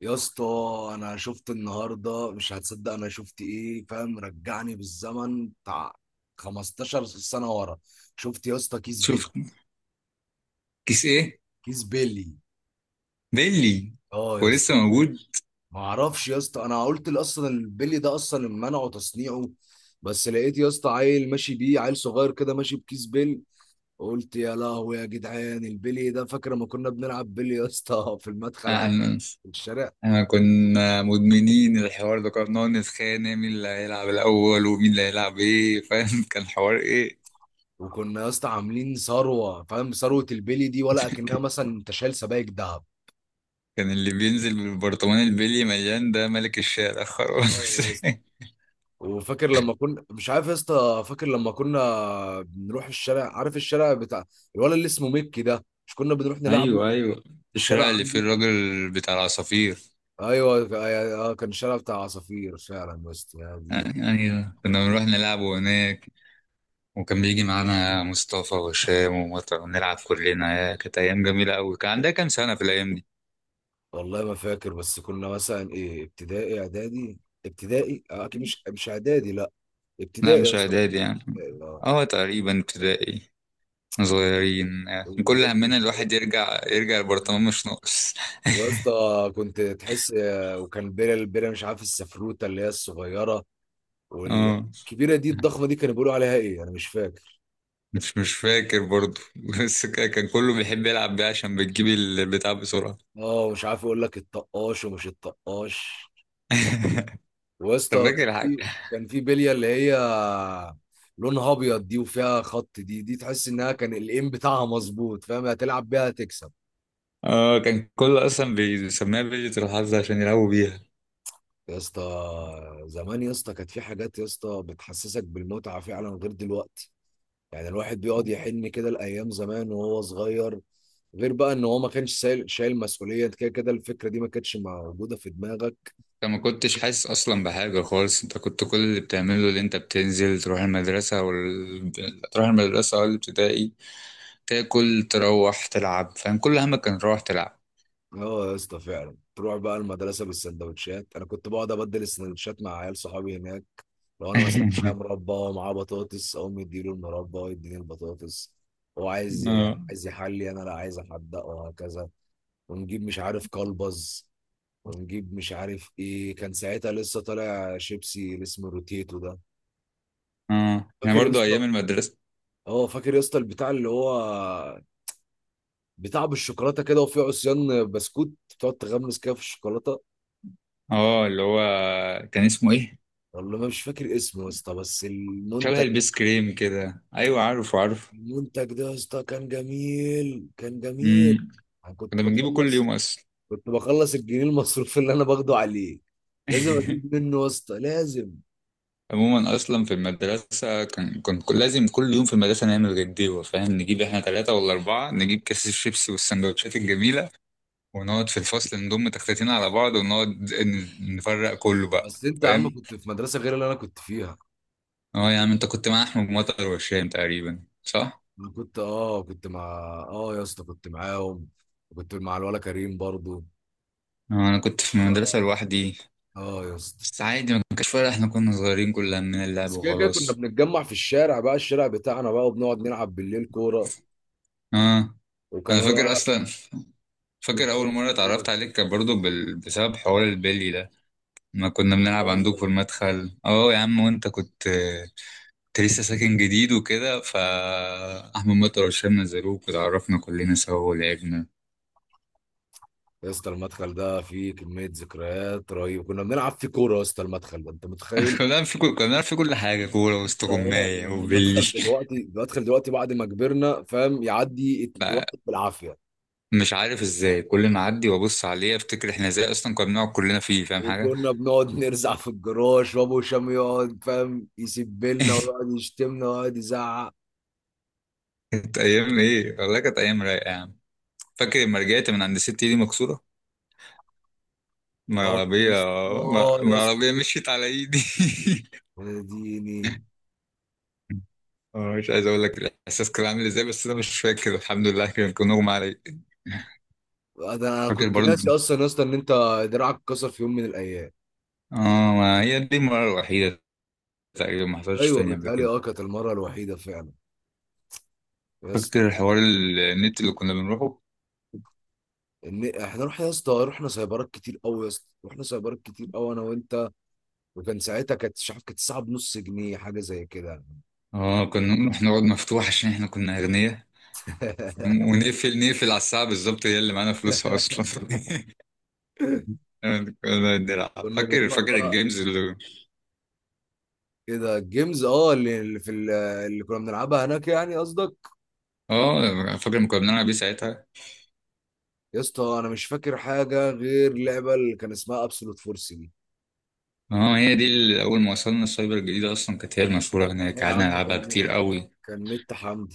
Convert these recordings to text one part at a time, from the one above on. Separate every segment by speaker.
Speaker 1: يا اسطى، انا شفت النهارده مش هتصدق انا شفت ايه فاهم. رجعني بالزمن بتاع 15 سنه ورا. شفت يا اسطى كيس بيلي.
Speaker 2: شوف، كيس ايه؟
Speaker 1: كيس بيلي،
Speaker 2: بيلي؟
Speaker 1: اه يا
Speaker 2: هو
Speaker 1: اسطى.
Speaker 2: لسه موجود؟
Speaker 1: ما اعرفش يا اسطى، انا قلت لي اصلا البيلي ده اصلا منعه تصنيعه، بس لقيت يا اسطى عيل ماشي بيه، عيل صغير كده ماشي بكيس بيلي. قلت يا لهوي يا جدعان، البيلي ده! فاكر ما كنا بنلعب بيلي يا اسطى في المدخل
Speaker 2: آه،
Speaker 1: عندي،
Speaker 2: انا
Speaker 1: في الشارع؟
Speaker 2: انا كنا مدمنين الحوار ده. كنا بنقعد نتخانق مين اللي هيلعب الاول ومين اللي هيلعب ايه فاهم. كان حوار ايه.
Speaker 1: وكنا يا اسطى عاملين ثروه فاهم، ثروه البلي دي ولا اكنها مثلا انت شايل سبايك دهب.
Speaker 2: كان اللي بينزل بالبرطمان البيلي مليان ده ملك الشارع
Speaker 1: اه
Speaker 2: خلاص.
Speaker 1: يا اسطى. وفاكر لما كنا مش عارف يا اسطى، فاكر لما كنا بنروح الشارع، عارف الشارع بتاع الولد اللي اسمه ميكي ده، مش كنا بنروح نلعبه
Speaker 2: ايوه، ايوه،
Speaker 1: في الشارع
Speaker 2: الشارع اللي
Speaker 1: عنده؟
Speaker 2: فيه الراجل بتاع العصافير.
Speaker 1: ايوه، اه كان الشارع بتاع عصافير فعلا يا اسطى، يا دين.
Speaker 2: ايوه، كنا بنروح نلعبه هناك، وكان بيجي معانا مصطفى وهشام ومطر ونلعب كلنا. يا كانت ايام جميله قوي. كان عندها كام سنه في الايام دي؟
Speaker 1: والله ما فاكر، بس كنا مثلا ايه، ابتدائي اعدادي؟ ابتدائي، اه اكيد، مش اعدادي، لا.
Speaker 2: لا
Speaker 1: ابتدائي يا
Speaker 2: مش
Speaker 1: اسطى.
Speaker 2: اعدادي يعني،
Speaker 1: ابتدائي، اه.
Speaker 2: اه تقريبا ابتدائي. صغيرين يعني، كل
Speaker 1: والبالي
Speaker 2: همنا
Speaker 1: مش
Speaker 2: الواحد يرجع البرطمان
Speaker 1: عارف.
Speaker 2: مش ناقص.
Speaker 1: ويا اسطى كنت تحس، وكان بيرة، البيرة مش عارف، السفروتة اللي هي الصغيرة،
Speaker 2: اه،
Speaker 1: والكبيرة دي الضخمة دي كانوا بيقولوا عليها ايه، انا مش فاكر.
Speaker 2: مش فاكر برضو. بس كان كله بيحب يلعب بيها عشان بتجيب البتاع بسرعة.
Speaker 1: اه مش عارف اقول لك، الطقاش ومش الطقاش. ويا
Speaker 2: انت
Speaker 1: اسطى كان
Speaker 2: فاكر حاجة؟
Speaker 1: في، كان في بلية اللي هي لونها ابيض دي، وفيها خط. دي دي تحس انها كان الايم بتاعها مظبوط، فاهم؟ هتلعب بيها هتكسب.
Speaker 2: اه، كان كله اصلا بيسميها بيجة الحظ عشان يلعبوا بيها.
Speaker 1: يا اسطى، زمان يا اسطى كانت في حاجات يا اسطى بتحسسك بالمتعة فعلا غير دلوقتي. يعني الواحد بيقعد يحن كده لأيام زمان وهو صغير، غير بقى ان هو ما كانش شايل، شايل مسؤولية. أنت كده كده الفكرة دي ما كانتش موجودة في دماغك.
Speaker 2: انت ما كنتش حاسس اصلا بحاجة خالص، انت كنت كل اللي بتعمله اللي انت بتنزل تروح المدرسة تروح المدرسة او الابتدائي، تاكل، تروح تلعب فاهم. كل همك كان تروح تلعب.
Speaker 1: اه يا اسطى فعلا، تروح بقى المدرسة بالسندوتشات. انا كنت بقعد ابدل السندوتشات مع عيال صحابي هناك. لو انا مثلا معايا مربى ومعاه بطاطس، اقوم يديله المربى ويديني البطاطس. هو عايز
Speaker 2: اه،
Speaker 1: عايز يحلي، انا لا عايز احدق، وهكذا. ونجيب مش عارف كلبز، ونجيب مش عارف ايه. كان ساعتها لسه طالع شيبسي اللي اسمه روتيتو ده،
Speaker 2: اه يعني
Speaker 1: فاكر يا
Speaker 2: برضو ايام
Speaker 1: اسطى؟
Speaker 2: المدرسه.
Speaker 1: اه فاكر يا اسطى، البتاع اللي هو بتاع بالشوكولاته كده، وفيه عصيان بسكوت بتقعد تغمس كده في الشوكولاته.
Speaker 2: اه اللي هو، كان اسمه ايه؟
Speaker 1: والله ما مش فاكر اسمه يا اسطى، بس
Speaker 2: شبه
Speaker 1: المنتج،
Speaker 2: البيس كريم كده، ايوه عارفه عارفه.
Speaker 1: المنتج ده يا اسطى كان جميل، كان جميل.
Speaker 2: امم،
Speaker 1: انا كنت
Speaker 2: كنا بنجيبه كل
Speaker 1: بخلص،
Speaker 2: يوم اصلا.
Speaker 1: كنت بخلص الجنيه المصروف اللي انا باخده عليه، لازم اجيب منه يا اسطى، لازم.
Speaker 2: عموما اصلا في المدرسه، لازم كل يوم في المدرسه نعمل غديوه فاهم. نجيب احنا ثلاثه ولا اربعه، نجيب كيس الشيبسي والسندوتشات الجميله، ونقعد في الفصل، نضم تختتين على بعض، ونقعد نفرق كله بقى
Speaker 1: بس انت يا عم
Speaker 2: فاهم.
Speaker 1: كنت في مدرسه غير اللي انا كنت فيها.
Speaker 2: اه يا عم، انت كنت مع احمد مطر وهشام تقريبا صح؟
Speaker 1: انا كنت، اه كنت مع، اه يا اسطى كنت معاهم، كنت مع الولا كريم برضو.
Speaker 2: اه انا كنت في
Speaker 1: أنا
Speaker 2: المدرسة
Speaker 1: بقى-
Speaker 2: لوحدي.
Speaker 1: اه يا اسطى.
Speaker 2: بس عادي، ما كانش فارق، احنا كنا صغيرين كل همنا اللعب
Speaker 1: بس كده كده كنا
Speaker 2: وخلاص.
Speaker 1: بنتجمع في الشارع بقى، الشارع بتاعنا بقى، وبنقعد نلعب بالليل كورة.
Speaker 2: اه انا فاكر
Speaker 1: وكانوا،
Speaker 2: اصلا، فاكر اول
Speaker 1: وكان-
Speaker 2: مرة
Speaker 1: ايه ده؟
Speaker 2: اتعرفت عليك، كان برضه بسبب حوار البلي ده. ما كنا
Speaker 1: آه
Speaker 2: بنلعب عندك في
Speaker 1: والله.
Speaker 2: المدخل اه يا عم، وانت كنت، كنت لسه ساكن جديد وكده، ف احمد مطر وهشام نزلوك وتعرفنا كلنا سوا ولعبنا.
Speaker 1: يا اسطى المدخل ده فيه كمية ذكريات رهيبة، كنا بنلعب فيه كورة يا اسطى. المدخل ده انت متخيل
Speaker 2: كنا بنعرف في كل حاجة، كورة
Speaker 1: يا اسطى؟ اه.
Speaker 2: واستغماية
Speaker 1: يعني
Speaker 2: وبلي.
Speaker 1: المدخل دلوقتي، المدخل دلوقتي بعد ما كبرنا فاهم، يعدي وقت بالعافية.
Speaker 2: مش عارف ازاي كل ما اعدي وابص عليه افتكر احنا ازاي اصلا كنا بنقعد كلنا فيه فاهم حاجه.
Speaker 1: وكنا بنقعد نرزع في الجراج، وابو هشام يقعد فاهم يسبلنا ويقعد يشتمنا ويقعد يزعق.
Speaker 2: كانت ايام ايه والله، كانت ايام رايقه يا عم. فاكر لما رجعت من عند ست ايدي مكسوره؟ ما
Speaker 1: اه
Speaker 2: العربيه،
Speaker 1: يا اسطى،
Speaker 2: ما
Speaker 1: اه
Speaker 2: ما
Speaker 1: يا اسطى،
Speaker 2: العربيه مشيت على ايدي.
Speaker 1: يا ديني.
Speaker 2: اه، مش عايز اقول لك الاحساس كان عامل ازاي، بس انا مش فاكر الحمد لله، كان اغمى علي.
Speaker 1: انا
Speaker 2: فاكر
Speaker 1: كنت ناسي
Speaker 2: برضه،
Speaker 1: اصلا يا اسطى ان انت دراعك اتكسر في يوم من الايام.
Speaker 2: اه ما هي دي المره الوحيده، تقريبا ما حصلش
Speaker 1: ايوه
Speaker 2: تاني قبل
Speaker 1: بتهيألي،
Speaker 2: كده.
Speaker 1: اه كانت المره الوحيده فعلا. يا اسطى،
Speaker 2: فاكر حوار النت اللي كنا بنروحه؟
Speaker 1: ان احنا رحنا يا اسطى، رحنا سايبرات كتير قوي يا اسطى، رحنا سايبرات كتير قوي انا وانت. وكان ساعتها، كانت مش عارف، كانت الساعه بنص جنيه حاجه زي كده.
Speaker 2: اه، كنا بنروح نقعد مفتوح عشان احنا كنا اغنياء، ونقفل، نقفل على الساعة بالظبط هي اللي معانا فلوسها أصلا. كنا بنلعب،
Speaker 1: كنا
Speaker 2: فاكر
Speaker 1: بنروح
Speaker 2: فاكر
Speaker 1: بقى
Speaker 2: الجيمز اللي،
Speaker 1: كده الجيمز، اه اللي، اللي في اللي كنا بنلعبها هناك يعني قصدك.
Speaker 2: اه فاكر لما كنا بنلعب بيه ساعتها.
Speaker 1: يا اسطى انا مش فاكر حاجه غير لعبه اللي كان اسمها ابسولوت فورس دي.
Speaker 2: اه هي دي اللي أول ما وصلنا السايبر الجديدة أصلا كانت هي المشهورة هناك،
Speaker 1: آه يا عم،
Speaker 2: قعدنا نلعبها
Speaker 1: كان،
Speaker 2: كتير قوي.
Speaker 1: كان نت حمد.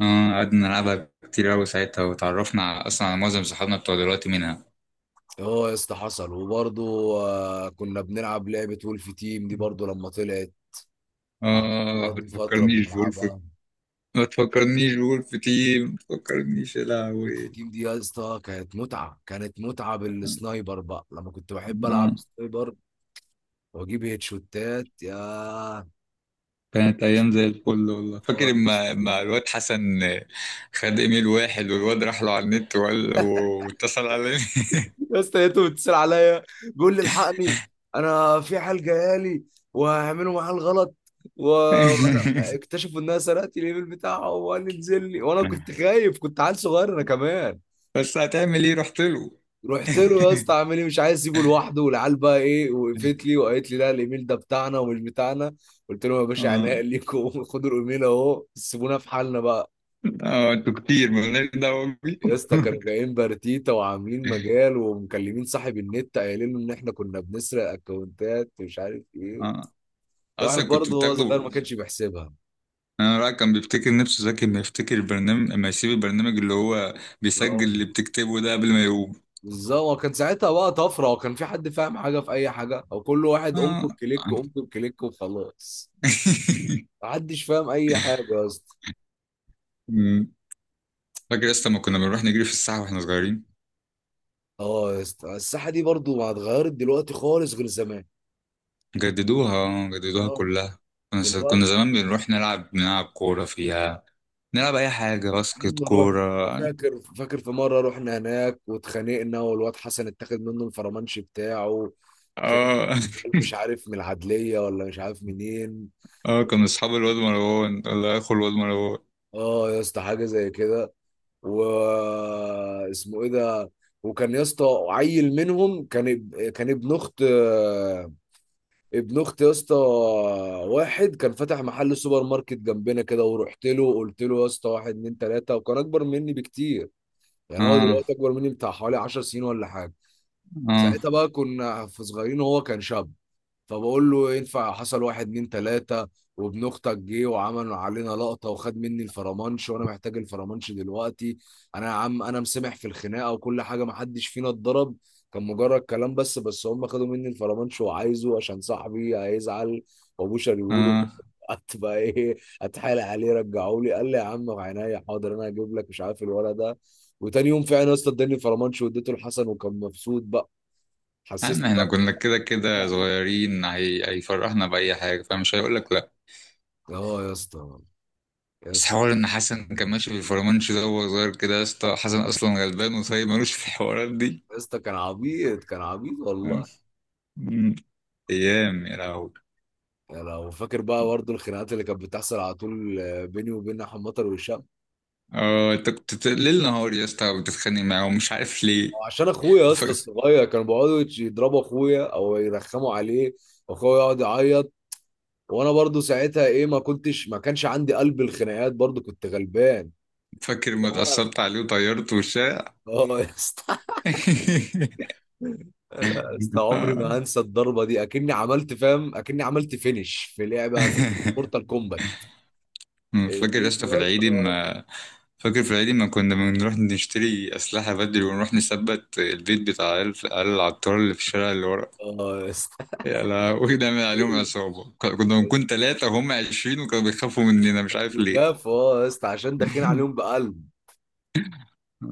Speaker 2: اه قعدنا نلعبها كتير قوي ساعتها، وتعرفنا على- أصلا على معظم صحابنا بتوع دلوقتي منها.
Speaker 1: اه يا اسطى حصل. وبرضه، آه، كنا بنلعب لعبة وولف تيم دي برضه لما طلعت، قعدنا
Speaker 2: اه
Speaker 1: برضه فترة بنلعبها.
Speaker 2: ما تفكرنيش بولف تيم، ما تفكرنيش يا
Speaker 1: وولف
Speaker 2: لهوي.
Speaker 1: تيم دي يا اسطى كانت متعة، كانت متعة بالسنايبر بقى لما كنت بحب ألعب
Speaker 2: آه.
Speaker 1: سنايبر وأجيب هيدشوتات. يا اه،
Speaker 2: كانت ايام زي الفل والله.
Speaker 1: يا
Speaker 2: فاكر
Speaker 1: اسطى،
Speaker 2: اما الواد حسن خد ايميل واحد، والواد راح له على النت واتصل على.
Speaker 1: يا اسطى لقيته بيتصل عليا، بيقول لي الحقني، انا في حال جايالي وهعملوا معاه الغلط. واكتشفوا انها سرقت الايميل بتاعه، وقال لي انزل لي، وانا كنت خايف، كنت عيل صغير انا كمان.
Speaker 2: بس هتعمل ايه، رحت له.
Speaker 1: رحت له يا اسطى، عامل ايه؟ مش عايز اسيبه لوحده. والعيال بقى ايه، وقفت لي وقالت لي لا، الايميل ده بتاعنا ومش بتاعنا. قلت لهم يا باشا عناء
Speaker 2: اه،
Speaker 1: ليكم خدوا الايميل اهو، سيبونا في حالنا بقى.
Speaker 2: اه انتوا كتير مالناش دعوه
Speaker 1: يا
Speaker 2: بيكم.
Speaker 1: اسطى كانوا جايين بارتيتا وعاملين مجال ومكلمين صاحب النت قايلين له ان احنا كنا بنسرق اكونتات ومش عارف ايه.
Speaker 2: اه،
Speaker 1: الواحد
Speaker 2: اصلا كنت
Speaker 1: برضه هو
Speaker 2: بتاخده.
Speaker 1: صغير، ما كانش بيحسبها.
Speaker 2: انا رأيي كان بيفتكر نفسه ذكي، ما يفتكر البرنامج، ما يسيب البرنامج اللي هو بيسجل
Speaker 1: اه
Speaker 2: اللي بتكتبه ده قبل ما يقوم.
Speaker 1: بالظبط، وكان ساعتها بقى طفره، وكان في حد فاهم حاجه في اي حاجه؟ وكل واحد
Speaker 2: اه.
Speaker 1: انكر كليك، انكر كليك، وخلاص. محدش فاهم اي حاجه يا اسطى.
Speaker 2: فاكر يا اسطى ما كنا بنروح نجري في الساحة واحنا صغيرين؟
Speaker 1: اه يا اسطى. الساحه دي برضو ما اتغيرت دلوقتي خالص غير زمان.
Speaker 2: جددوها، جددوها
Speaker 1: اه.
Speaker 2: كلها. كنا
Speaker 1: دلوقتي
Speaker 2: زمان بنروح نلعب كورة فيها، نلعب أي حاجة،
Speaker 1: عم
Speaker 2: باسكت،
Speaker 1: نروح.
Speaker 2: كورة.
Speaker 1: فاكر، فاكر في مره رحنا هناك واتخانقنا، والواد حسن اتاخد منه الفرمانش بتاعه. اتخانقنا،
Speaker 2: اه.
Speaker 1: مش عارف من العدليه ولا مش عارف منين.
Speaker 2: اه كنا أصحاب الواد مروان ولا أخو الواد مروان.
Speaker 1: اه يا اسطى حاجه زي كده. و اسمه ايه ده؟ وكان يا اسطى عيل منهم كان كان ابن اخت، ابن اختي يا اسطى، واحد كان فاتح محل سوبر ماركت جنبنا كده. ورحت له قلت له يا اسطى، واحد اتنين تلاته، وكان اكبر مني بكتير. يعني هو
Speaker 2: اه،
Speaker 1: دلوقتي اكبر مني بتاع حوالي 10 سنين ولا حاجه.
Speaker 2: اه،
Speaker 1: ساعتها بقى كنا في صغيرين وهو كان شاب. فبقول له ينفع حصل واحد اتنين تلاتة، وابن اختك جه وعمل علينا لقطة وخد مني الفرمانش، وانا محتاج الفرمانش دلوقتي. انا يا عم انا مسامح في الخناقة وكل حاجة، محدش فينا اتضرب، كان مجرد كلام بس. بس هم خدوا مني الفرمانش، وعايزه عشان صاحبي هيزعل، وابوه شريوله
Speaker 2: اه
Speaker 1: هتبقى ايه؟ اتحايل عليه رجعوا لي، قال لي يا عم عينيا حاضر، انا هجيب لك مش عارف الولد ده. وتاني يوم فعلا يا اسطى اداني الفرمانش، واديته لحسن وكان مبسوط بقى،
Speaker 2: يا
Speaker 1: حسسني
Speaker 2: عم احنا
Speaker 1: بقى.
Speaker 2: كنا كده كده صغيرين، هيفرحنا بأي حاجة فمش هيقولك لأ.
Speaker 1: اه يا اسطى. يا
Speaker 2: بس
Speaker 1: اسطى،
Speaker 2: حوار إن حسن كان ماشي في الفرمانش ده وهو صغير كده، يا اسطى حسن أصلا غلبان وصايب ملوش في الحوارات دي.
Speaker 1: يا اسطى كان عبيط، كان عبيط والله.
Speaker 2: أمم. أيام يا لهوي.
Speaker 1: يعني لو فاكر بقى برضه الخناقات اللي كانت بتحصل على طول بيني وبين احمد مطر وهشام.
Speaker 2: اه انت كنت ليل نهار يا اسطى بتتخانق معاه ومش عارف ليه.
Speaker 1: عشان اخويا يا
Speaker 2: ف...
Speaker 1: اسطى الصغير، كانوا بيقعدوا يضربوا اخويا او يرخموا عليه، واخويا يقعد يعيط، وانا برضه ساعتها ايه، ما كنتش، ما كانش عندي قلب الخناقات، برضه كنت غلبان.
Speaker 2: فاكر ما اتأثرت عليه وطيرته وشاع.
Speaker 1: اه يا اسطى. انا يا اسطى عمري
Speaker 2: آه.
Speaker 1: ما هنسى الضربه دي، اكني عملت فاهم، اكني عملت فينش في لعبه في مورتال كومبات.
Speaker 2: فاكر يا
Speaker 1: اديته
Speaker 2: اسطى في
Speaker 1: يا
Speaker 2: العيد
Speaker 1: اسطى،
Speaker 2: ما، فاكر في العيد ما كنا بنروح نشتري أسلحة بدري، ونروح نثبت البيت بتاع عيال، عيال العطار اللي في الشارع اللي ورا.
Speaker 1: اه يا اسطى.
Speaker 2: يا لهوي نعمل عليهم عصابة، كنا، كنا
Speaker 1: يا اسطى
Speaker 2: بنكون تلاتة وهم عشرين، وكانوا بيخافوا مننا مش عارف ليه.
Speaker 1: خفاف، اه يا اسطى، عشان داخلين عليهم بقلب.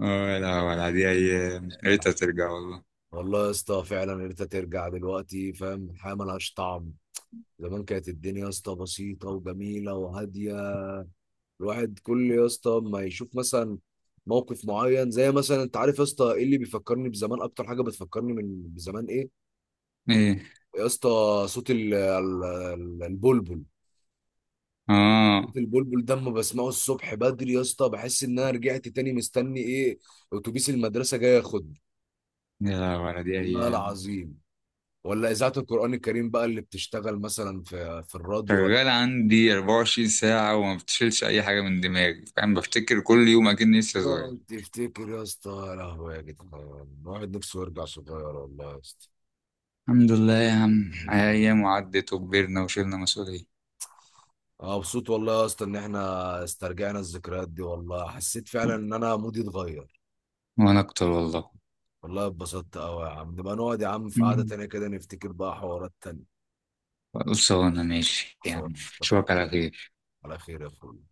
Speaker 2: اه لا، ولا دي أيام يا ريتها
Speaker 1: أنا-
Speaker 2: ترجع والله.
Speaker 1: والله يا اسطى فعلا ان انت ترجع دلوقتي فاهم، الحياه ملهاش طعم. زمان كانت الدنيا يا اسطى بسيطه وجميله وهاديه. الواحد كل يا اسطى ما يشوف مثلا موقف معين زي مثلا، انت عارف يا اسطى ايه اللي بيفكرني بزمان، اكتر حاجه بتفكرني من بزمان ايه؟
Speaker 2: ايه؟
Speaker 1: يا اسطى، صوت البلبل.
Speaker 2: اه
Speaker 1: في البلبل ده اما بسمعه الصبح بدري يا اسطى بحس ان انا رجعت تاني مستني ايه، اتوبيس المدرسه جاي ياخدني.
Speaker 2: يا لهوي على دي
Speaker 1: والله
Speaker 2: أيام.
Speaker 1: العظيم. ولا اذاعه القران الكريم بقى اللي بتشتغل مثلا في الراديو، ولا
Speaker 2: شغال عندي 24 ساعة وما بتشيلش أي حاجة من دماغي فاهم، بفتكر كل يوم أكني لسه صغير.
Speaker 1: تقعد تفتكر يا اسطى، يا لهوي يا جدعان، الواحد نفسه يرجع صغير والله يا اسطى.
Speaker 2: الحمد لله يا عم، أيام وعدت، وكبرنا، وشلنا مسؤولية.
Speaker 1: اه مبسوط والله يا اسطى ان احنا استرجعنا الذكريات دي، والله حسيت فعلا ان انا مودي اتغير.
Speaker 2: وأنا أكتر والله.
Speaker 1: والله اتبسطت قوي يا عم، نبقى نقعد يا عم في قعده
Speaker 2: مم.
Speaker 1: تانيه كده، نفتكر بقى حوارات تانيه.
Speaker 2: خلصانة ماشي
Speaker 1: سواء،
Speaker 2: يعني. أشوفك
Speaker 1: اتفقنا.
Speaker 2: على خير.
Speaker 1: على خير يا اخوي.